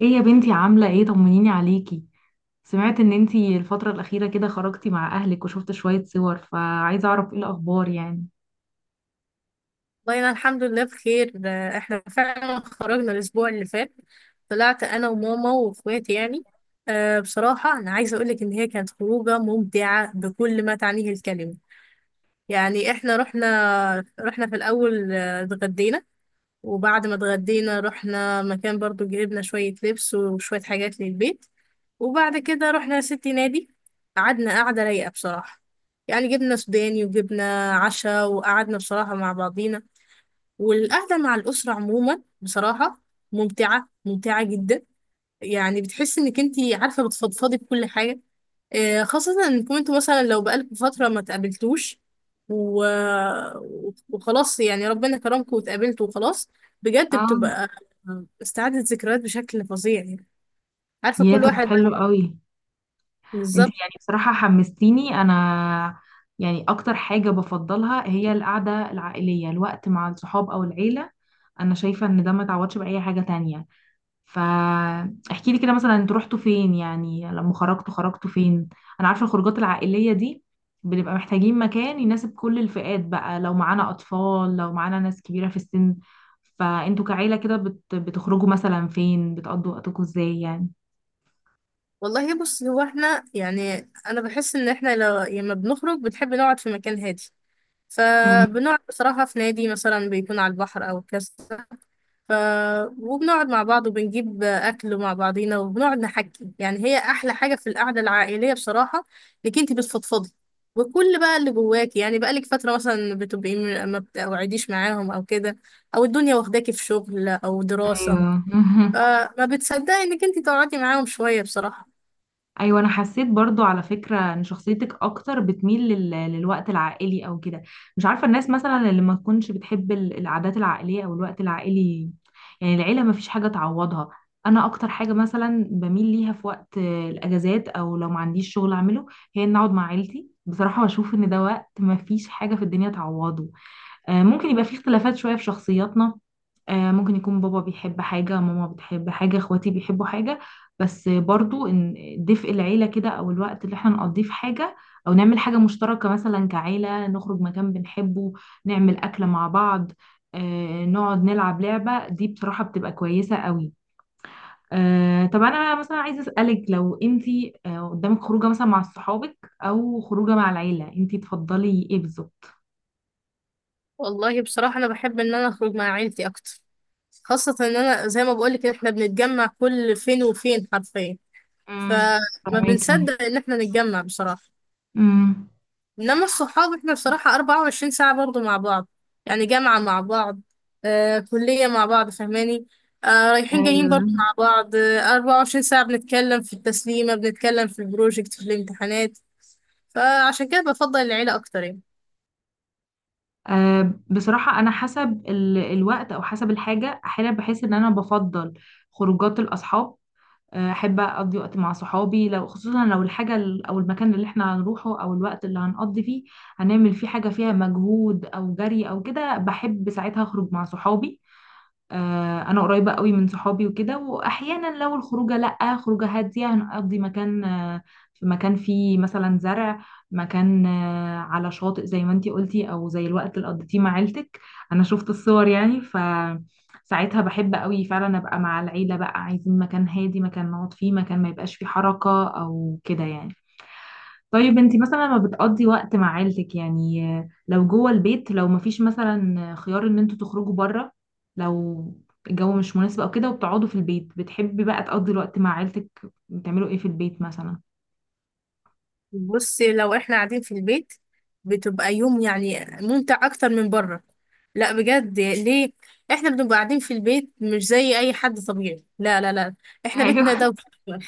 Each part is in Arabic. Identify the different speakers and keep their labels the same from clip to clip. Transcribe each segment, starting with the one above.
Speaker 1: ايه يا بنتي؟ عاملة ايه؟ طمنيني عليكي. سمعت ان انتي الفترة الأخيرة كده خرجتي مع أهلك وشفت شوية صور، فعايزة أعرف ايه الأخبار يعني.
Speaker 2: والله أنا الحمد لله بخير. ده احنا فعلا خرجنا الأسبوع اللي فات. طلعت أنا وماما وإخواتي يعني. بصراحة أنا عايزة أقولك إن هي كانت خروجة ممتعة بكل ما تعنيه الكلمة. يعني احنا رحنا في الأول، اتغدينا. وبعد ما اتغدينا رحنا مكان برضو، جبنا شوية لبس وشوية حاجات للبيت. وبعد كده رحنا يا ستي نادي. قعدنا قعدة رايقة بصراحة، يعني جبنا سوداني وجبنا عشاء وقعدنا بصراحة مع بعضينا. والقعدة مع الأسرة عموما بصراحة ممتعة، ممتعة جدا. يعني بتحس انك انتي عارفة بتفضفضي بكل حاجة. خاصة انكم انتوا مثلا لو بقالكم فترة ما تقابلتوش و... وخلاص يعني ربنا كرمكم واتقابلتوا وخلاص. بجد
Speaker 1: اه.
Speaker 2: بتبقى استعادة ذكريات بشكل فظيع يعني. عارفة
Speaker 1: يا
Speaker 2: كل
Speaker 1: طب
Speaker 2: واحد.
Speaker 1: حلو قوي. انتي
Speaker 2: بالظبط.
Speaker 1: يعني بصراحة حمستيني أنا. يعني أكتر حاجة بفضلها هي القعدة العائلية، الوقت مع الصحاب أو العيلة. أنا شايفة ان ده ما تعوضش بأي حاجة تانية. فاحكي لي كده مثلا، انتوا رحتوا فين؟ يعني لما خرجتوا خرجتوا فين؟ انا عارفه الخروجات العائليه دي، بنبقى محتاجين مكان يناسب كل الفئات بقى، لو معانا اطفال لو معانا ناس كبيره في السن. فانتوا كعيله كده بتخرجوا مثلا فين؟ بتقضوا وقتكم ازاي يعني؟
Speaker 2: والله بص، هو احنا يعني انا بحس ان احنا لو لما بنخرج بنحب نقعد في مكان هادي.
Speaker 1: مم.
Speaker 2: فبنقعد بصراحة في نادي مثلا بيكون على البحر أو كذا. ف... وبنقعد مع بعض وبنجيب أكل مع بعضينا وبنقعد نحكي. يعني هي أحلى حاجة في القعدة العائلية بصراحة إنك أنت بتفضفضي وكل بقى اللي جواكي. يعني بقالك فترة مثلا بتبقي ما بتقعديش معاهم أو كده، أو الدنيا واخداكي في شغل أو دراسة.
Speaker 1: ايوه.
Speaker 2: فما بتصدقي إنك أنت تقعدي معاهم شوية بصراحة.
Speaker 1: ايوه، انا حسيت برضو على فكره ان شخصيتك اكتر بتميل للوقت العائلي او كده. مش عارفه الناس مثلا اللي ما تكونش بتحب العادات العائليه او الوقت العائلي. يعني العيله ما فيش حاجه تعوضها. انا اكتر حاجه مثلا بميل ليها في وقت الاجازات، او لو ما عنديش شغل اعمله، هي ان اقعد مع عيلتي. بصراحه بشوف ان ده وقت ما فيش حاجه في الدنيا تعوضه. ممكن يبقى فيه اختلافات شويه في شخصياتنا. ممكن يكون بابا بيحب حاجة، ماما بتحب حاجة، اخواتي بيحبوا حاجة. بس برضو ان دفء العيلة كده، او الوقت اللي احنا نقضيه في حاجة، او نعمل حاجة مشتركة مثلا كعيلة، نخرج مكان بنحبه، نعمل أكلة مع بعض، نقعد نلعب لعبة، دي بصراحة بتبقى كويسة قوي. طب انا مثلا عايزة أسألك، لو انتي قدامك خروجة مثلا مع صحابك او خروجة مع العيلة، انتي تفضلي ايه بالظبط؟
Speaker 2: والله بصراحة أنا بحب إن أنا أخرج مع عيلتي أكتر. خاصة إن أنا زي ما بقولك إن إحنا بنتجمع كل فين وفين حرفيا.
Speaker 1: امم.
Speaker 2: فما
Speaker 1: فاهماكي.
Speaker 2: بنصدق إن إحنا نتجمع بصراحة.
Speaker 1: امم.
Speaker 2: إنما الصحاب إحنا بصراحة 24 ساعة برضو مع بعض. يعني جامعة مع بعض، كلية مع بعض فاهماني. رايحين جايين
Speaker 1: ايوه.
Speaker 2: برضو مع بعض، 24 ساعة بنتكلم في التسليمة، بنتكلم في البروجكت، في الامتحانات. فعشان كده بفضل العيلة أكتر يعني.
Speaker 1: أه، بصراحة أنا حسب الوقت أو حسب الحاجة أحيانا بحس إن أنا بفضل خروجات الأصحاب. أحب أقضي وقت مع صحابي، لو خصوصا لو الحاجة أو المكان اللي إحنا هنروحه، أو الوقت اللي هنقضي فيه هنعمل فيه حاجة فيها مجهود أو جري أو كده، بحب ساعتها أخرج مع صحابي. انا قريبه قوي من صحابي وكده. واحيانا لو الخروجه، لا خروجه هاديه هنقضي مكان في مكان فيه مثلا زرع، مكان على شاطئ زي ما انتي قلتي، او زي الوقت اللي قضيتيه مع عيلتك، انا شفت الصور يعني. ف ساعتها بحب قوي فعلا ابقى مع العيله بقى، عايزين مكان هادي، مكان نقعد فيه، مكان ما يبقاش فيه حركه او كده يعني. طيب، انت مثلا لما بتقضي وقت مع عيلتك يعني، لو جوه البيت، لو مفيش مثلا خيار ان انتوا تخرجوا بره، لو الجو مش مناسب او كده وبتقعدوا في البيت، بتحبي بقى تقضي الوقت مع عيلتك بتعملوا ايه في البيت مثلا؟
Speaker 2: بصي لو احنا قاعدين في البيت بتبقى يوم يعني ممتع اكتر من بره. لا بجد، ليه؟ احنا بنبقى قاعدين في البيت مش زي اي حد طبيعي، لا لا لا. احنا بيتنا
Speaker 1: ايوه.
Speaker 2: دوشة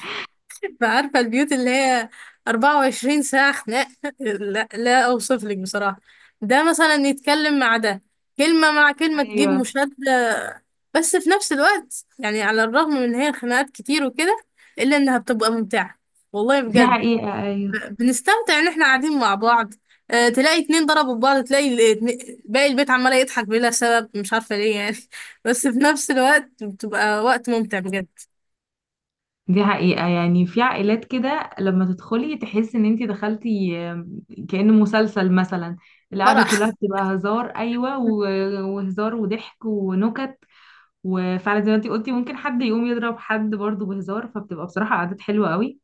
Speaker 2: عارفة البيوت اللي هي 24 ساعة خناق لا لا، اوصف لك بصراحة. ده مثلا يتكلم مع ده، كلمة مع كلمة تجيب
Speaker 1: ايوه.
Speaker 2: مشادة. بس في نفس الوقت يعني على الرغم من ان هي خناقات كتير وكده الا انها بتبقى ممتعة. والله
Speaker 1: دي
Speaker 2: بجد
Speaker 1: حقيقة، ايوه.
Speaker 2: بنستمتع ان احنا قاعدين مع بعض. تلاقي اتنين ضربوا في بعض، تلاقي باقي البيت عمال يضحك بلا سبب مش عارفة ليه يعني بس في نفس الوقت بتبقى وقت ممتع بجد.
Speaker 1: دي حقيقة، يعني في عائلات كده لما تدخلي تحسي ان انت دخلتي كأنه مسلسل مثلا. القعدة كلها
Speaker 2: فرح.
Speaker 1: بتبقى هزار، ايوه، وهزار وضحك ونكت. وفعلا زي ما انتي قلتي، ممكن حد يقوم يضرب حد برضه بهزار، فبتبقى بصراحة عادات حلوة قوي.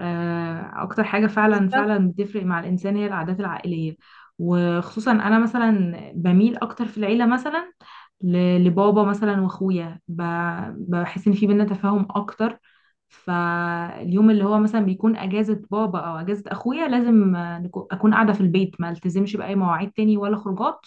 Speaker 1: اكتر حاجة فعلا
Speaker 2: بالظبط.
Speaker 1: فعلا بتفرق مع الانسان هي العادات العائلية. وخصوصا انا مثلا بميل اكتر في العيلة مثلا لبابا مثلا واخويا، بحس ان في بينا تفاهم اكتر. فاليوم اللي هو مثلا بيكون اجازة بابا او اجازة اخويا، لازم اكون قاعدة في البيت، ما التزمش باي مواعيد تاني ولا خروجات.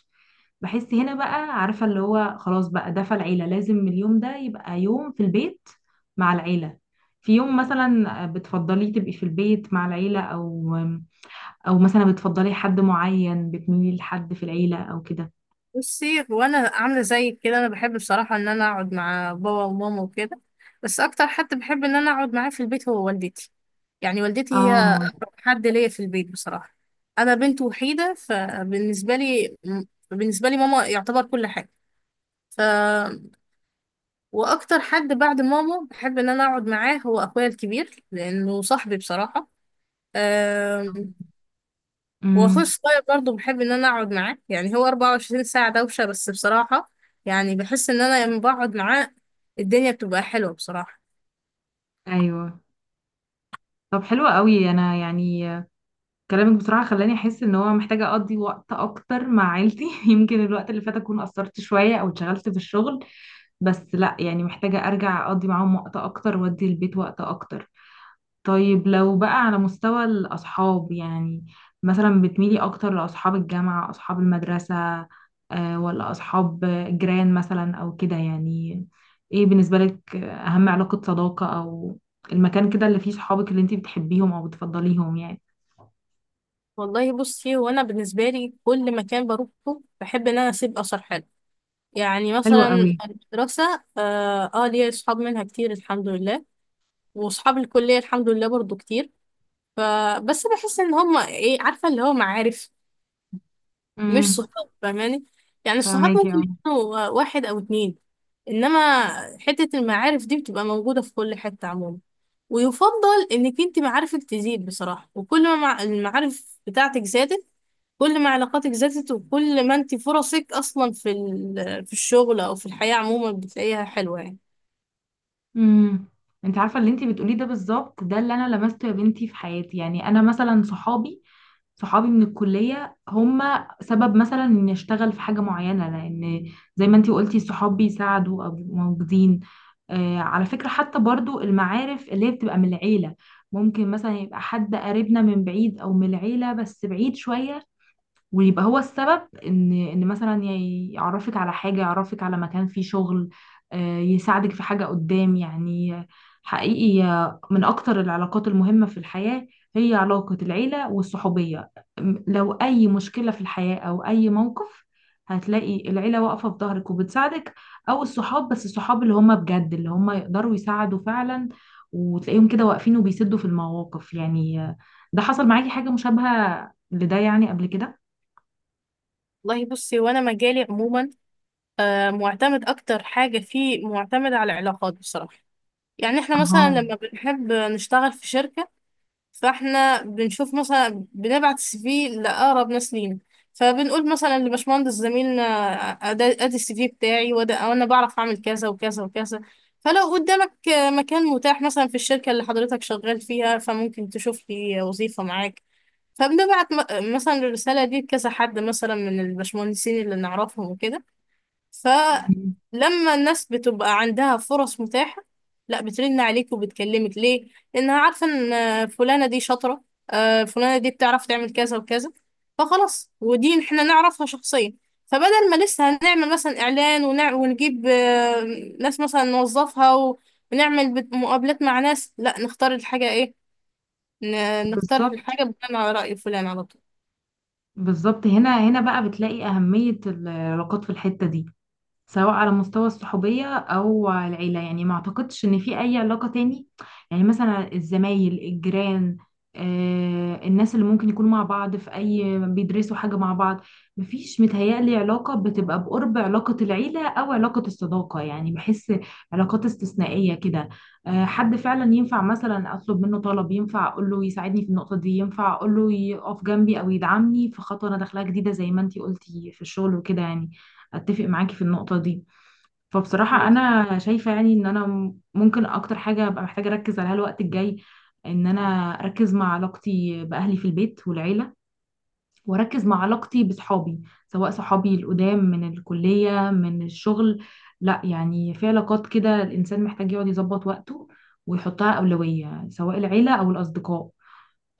Speaker 1: بحس هنا بقى، عارفة اللي هو خلاص بقى ده، فالعيلة لازم اليوم ده يبقى يوم في البيت مع العيلة. في يوم مثلا بتفضليه تبقي في البيت مع العيلة، أو أو مثلا بتفضلي حد معين، بتميلي لحد في العيلة أو كده؟
Speaker 2: بصي وانا عاملة زيك كده، انا بحب بصراحة ان انا اقعد مع بابا وماما وكده. بس اكتر حد بحب ان انا اقعد معاه في البيت هو والدتي. يعني والدتي هي
Speaker 1: اه.
Speaker 2: أقرب حد ليا في البيت بصراحة. انا بنت وحيدة. فبالنسبة لي ماما يعتبر كل حاجة. ف واكتر حد بعد ماما بحب ان انا اقعد معاه هو اخويا الكبير لانه صاحبي بصراحه. أم، واخويا
Speaker 1: امم.
Speaker 2: الصغير برضه بحب ان انا اقعد معاه. يعني هو 24 ساعه دوشه بس بصراحه. يعني بحس ان انا لما بقعد معاه الدنيا بتبقى حلوه بصراحه.
Speaker 1: ايوه. طب حلو قوي. انا يعني كلامك بصراحه خلاني احس ان هو محتاجه اقضي وقت اكتر مع عيلتي. يمكن الوقت اللي فات اكون قصرت شويه او اتشغلت في الشغل، بس لا يعني، محتاجة أرجع أقضي معاهم وقت أكتر، وأدي البيت وقت أكتر. طيب لو بقى على مستوى الأصحاب يعني، مثلا بتميلي أكتر لأصحاب الجامعة، أصحاب المدرسة، ولا أصحاب جيران مثلا أو كده يعني؟ إيه بالنسبة لك أهم علاقة صداقة، أو المكان كده اللي فيه صحابك اللي انتي بتحبيهم أو بتفضليهم يعني؟
Speaker 2: والله بصي، هو انا بالنسبه لي كل مكان بروحه بحب ان انا اسيب اثر حلو. يعني
Speaker 1: حلو
Speaker 2: مثلا
Speaker 1: قوي.
Speaker 2: المدرسه ليا اصحاب منها كتير الحمد لله، واصحاب الكليه الحمد لله برضه كتير. فبس بحس ان هما ايه، عارفه اللي هو معارف مش
Speaker 1: امم.
Speaker 2: صحاب فاهماني. يعني الصحاب
Speaker 1: فاهماكي.
Speaker 2: ممكن
Speaker 1: اه.
Speaker 2: يكونوا واحد او اتنين. انما حته المعارف دي بتبقى موجوده في كل حته عموما. ويفضل انك انت معارفك تزيد بصراحه. وكل ما المعارف بتاعتك زادت كل ما علاقاتك زادت. وكل ما انت فرصك اصلا في الشغل او في الحياه عموما بتلاقيها حلوه يعني.
Speaker 1: امم. انت عارفه اللي انت بتقوليه ده بالظبط، ده اللي انا لمسته يا بنتي في حياتي. يعني انا مثلا صحابي من الكلية هم سبب مثلا إني أشتغل في حاجة معينة، لأن زي ما أنتي قلتي الصحاب بيساعدوا أو بيبقوا موجودين. آه، على فكرة، حتى برضو المعارف اللي هي بتبقى من العيلة، ممكن مثلا يبقى حد قريبنا من بعيد أو من العيلة بس بعيد شوية، ويبقى هو السبب ان مثلا يعرفك على حاجه، يعرفك على مكان فيه شغل، يساعدك في حاجه قدام يعني. حقيقي من اكتر العلاقات المهمه في الحياه هي علاقه العيله والصحوبيه. لو اي مشكله في الحياه او اي موقف، هتلاقي العيله واقفه في ظهرك وبتساعدك، او الصحاب، بس الصحاب اللي هم بجد، اللي هم يقدروا يساعدوا فعلا، وتلاقيهم كده واقفين وبيسدوا في المواقف يعني. ده حصل معاكي حاجه مشابهه لده يعني قبل كده؟
Speaker 2: والله بصي، وانا مجالي عموما معتمد، اكتر حاجه فيه معتمد على العلاقات بصراحه. يعني احنا مثلا
Speaker 1: اه.
Speaker 2: لما بنحب نشتغل في شركة فاحنا بنشوف مثلا بنبعت السي في لأقرب ناس لينا. فبنقول مثلا لباشمهندس زميلنا أدي السي في بتاعي وده، وانا بعرف اعمل كذا وكذا وكذا، فلو قدامك مكان متاح مثلا في الشركة اللي حضرتك شغال فيها فممكن تشوف لي وظيفة معاك. فبنبعت مثلا الرسالة دي لكذا حد مثلا من الباشمهندسين اللي نعرفهم وكده. فلما الناس بتبقى عندها فرص متاحة، لا بترن عليك وبتكلمك. ليه؟ لأنها عارفة إن فلانة دي شاطرة، فلانة دي بتعرف تعمل كذا وكذا. فخلاص، ودي احنا نعرفها شخصيا. فبدل ما لسه هنعمل مثلا إعلان ونجيب ناس مثلا نوظفها ونعمل مقابلات مع ناس، لا نختار الحاجة إيه؟ نختار
Speaker 1: بالظبط.
Speaker 2: الحاجة بناء على رأي فلان على طول.
Speaker 1: بالظبط، هنا بقى بتلاقي أهمية العلاقات في الحتة دي، سواء على مستوى الصحوبية أو العيلة. يعني ما أعتقدش إن في أي علاقة تاني، يعني مثلا الزمايل، الجيران، الناس اللي ممكن يكونوا مع بعض في أي، بيدرسوا حاجة مع بعض، مفيش متهيألي علاقة بتبقى بقرب علاقة العيلة أو علاقة الصداقة. يعني بحس علاقات استثنائية كده، حد فعلا ينفع مثلا أطلب منه طلب، ينفع أقول له يساعدني في النقطة دي، ينفع أقول له يقف جنبي أو يدعمني في خطوة أنا داخلها جديدة زي ما أنتي قلتي في الشغل وكده يعني. اتفق معاكي في النقطة دي. فبصراحة
Speaker 2: بس
Speaker 1: انا شايفة يعني ان انا ممكن اكتر حاجة ابقى محتاجة اركز عليها الوقت الجاي، ان انا اركز مع علاقتي باهلي في البيت والعيلة، واركز مع علاقتي بصحابي، سواء صحابي القدام من الكلية، من الشغل. لا يعني في علاقات كده الانسان محتاج يقعد يظبط وقته، ويحطها أولوية، سواء العيلة او الاصدقاء.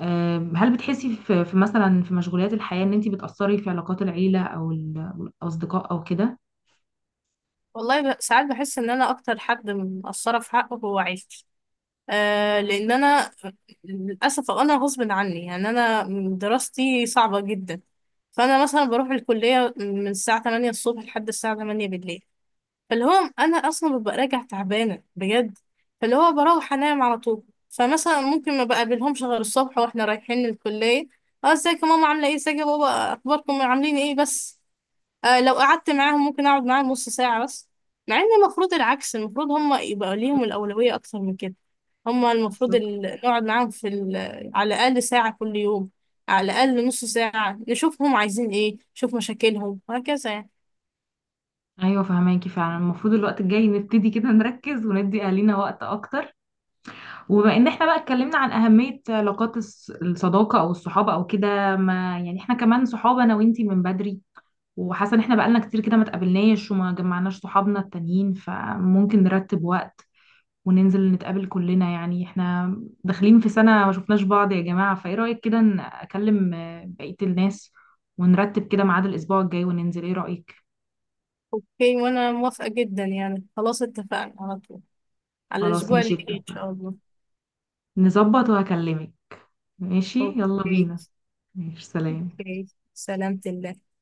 Speaker 1: هل بتحسي في مثلا في مشغوليات الحياة ان انت بتأثري في علاقات العيلة او او الأصدقاء او كده؟
Speaker 2: والله ساعات بحس إن أنا أكتر حد مقصرة في حقه هو عيلتي.
Speaker 1: مم.
Speaker 2: لان انا للاسف انا غصب عني، يعني انا دراستي صعبه جدا. فانا مثلا بروح الكليه من الساعه 8 الصبح لحد الساعه 8 بالليل. فاللي هو انا اصلا ببقى راجع تعبانه بجد، فاللي هو بروح انام على طول. فمثلا ممكن ما بقابلهمش غير الصبح واحنا رايحين الكليه. اه ازيك يا ماما، عامله ايه، ازيك يا بابا، اخباركم عاملين ايه بس. لو قعدت معاهم ممكن اقعد معاهم نص ساعة بس. مع ان المفروض العكس، المفروض هم يبقى ليهم الأولوية اكتر من كده. هم المفروض
Speaker 1: بالظبط.
Speaker 2: نقعد معاهم في على الأقل ساعة كل يوم، على الأقل نص ساعة، نشوفهم عايزين ايه، نشوف مشاكلهم وهكذا يعني.
Speaker 1: ايوه فهماكي، فعلا المفروض الوقت الجاي نبتدي كده نركز وندي اهالينا وقت اكتر. وبما ان احنا بقى اتكلمنا عن اهميه علاقات الصداقه او الصحابه او كده، ما يعني احنا كمان صحابه انا وانتي من بدري، وحاسه ان احنا بقالنا كتير كده ما اتقابلناش وما جمعناش صحابنا التانيين، فممكن نرتب وقت وننزل نتقابل كلنا. يعني احنا داخلين في سنه ما شفناش بعض يا جماعه، فايه رايك كده اكلم بقيه الناس، ونرتب كده ميعاد الاسبوع الجاي وننزل، ايه رايك؟
Speaker 2: اوكي، وانا موافقة جدا يعني. خلاص اتفقنا على طول على
Speaker 1: خلاص
Speaker 2: الأسبوع اللي
Speaker 1: ماشي،
Speaker 2: جاي ان شاء الله.
Speaker 1: نظبط وهكلمك. ماشي يلا
Speaker 2: اوكي.
Speaker 1: بينا. ماشي سلام.
Speaker 2: اوكي، سلامة الله.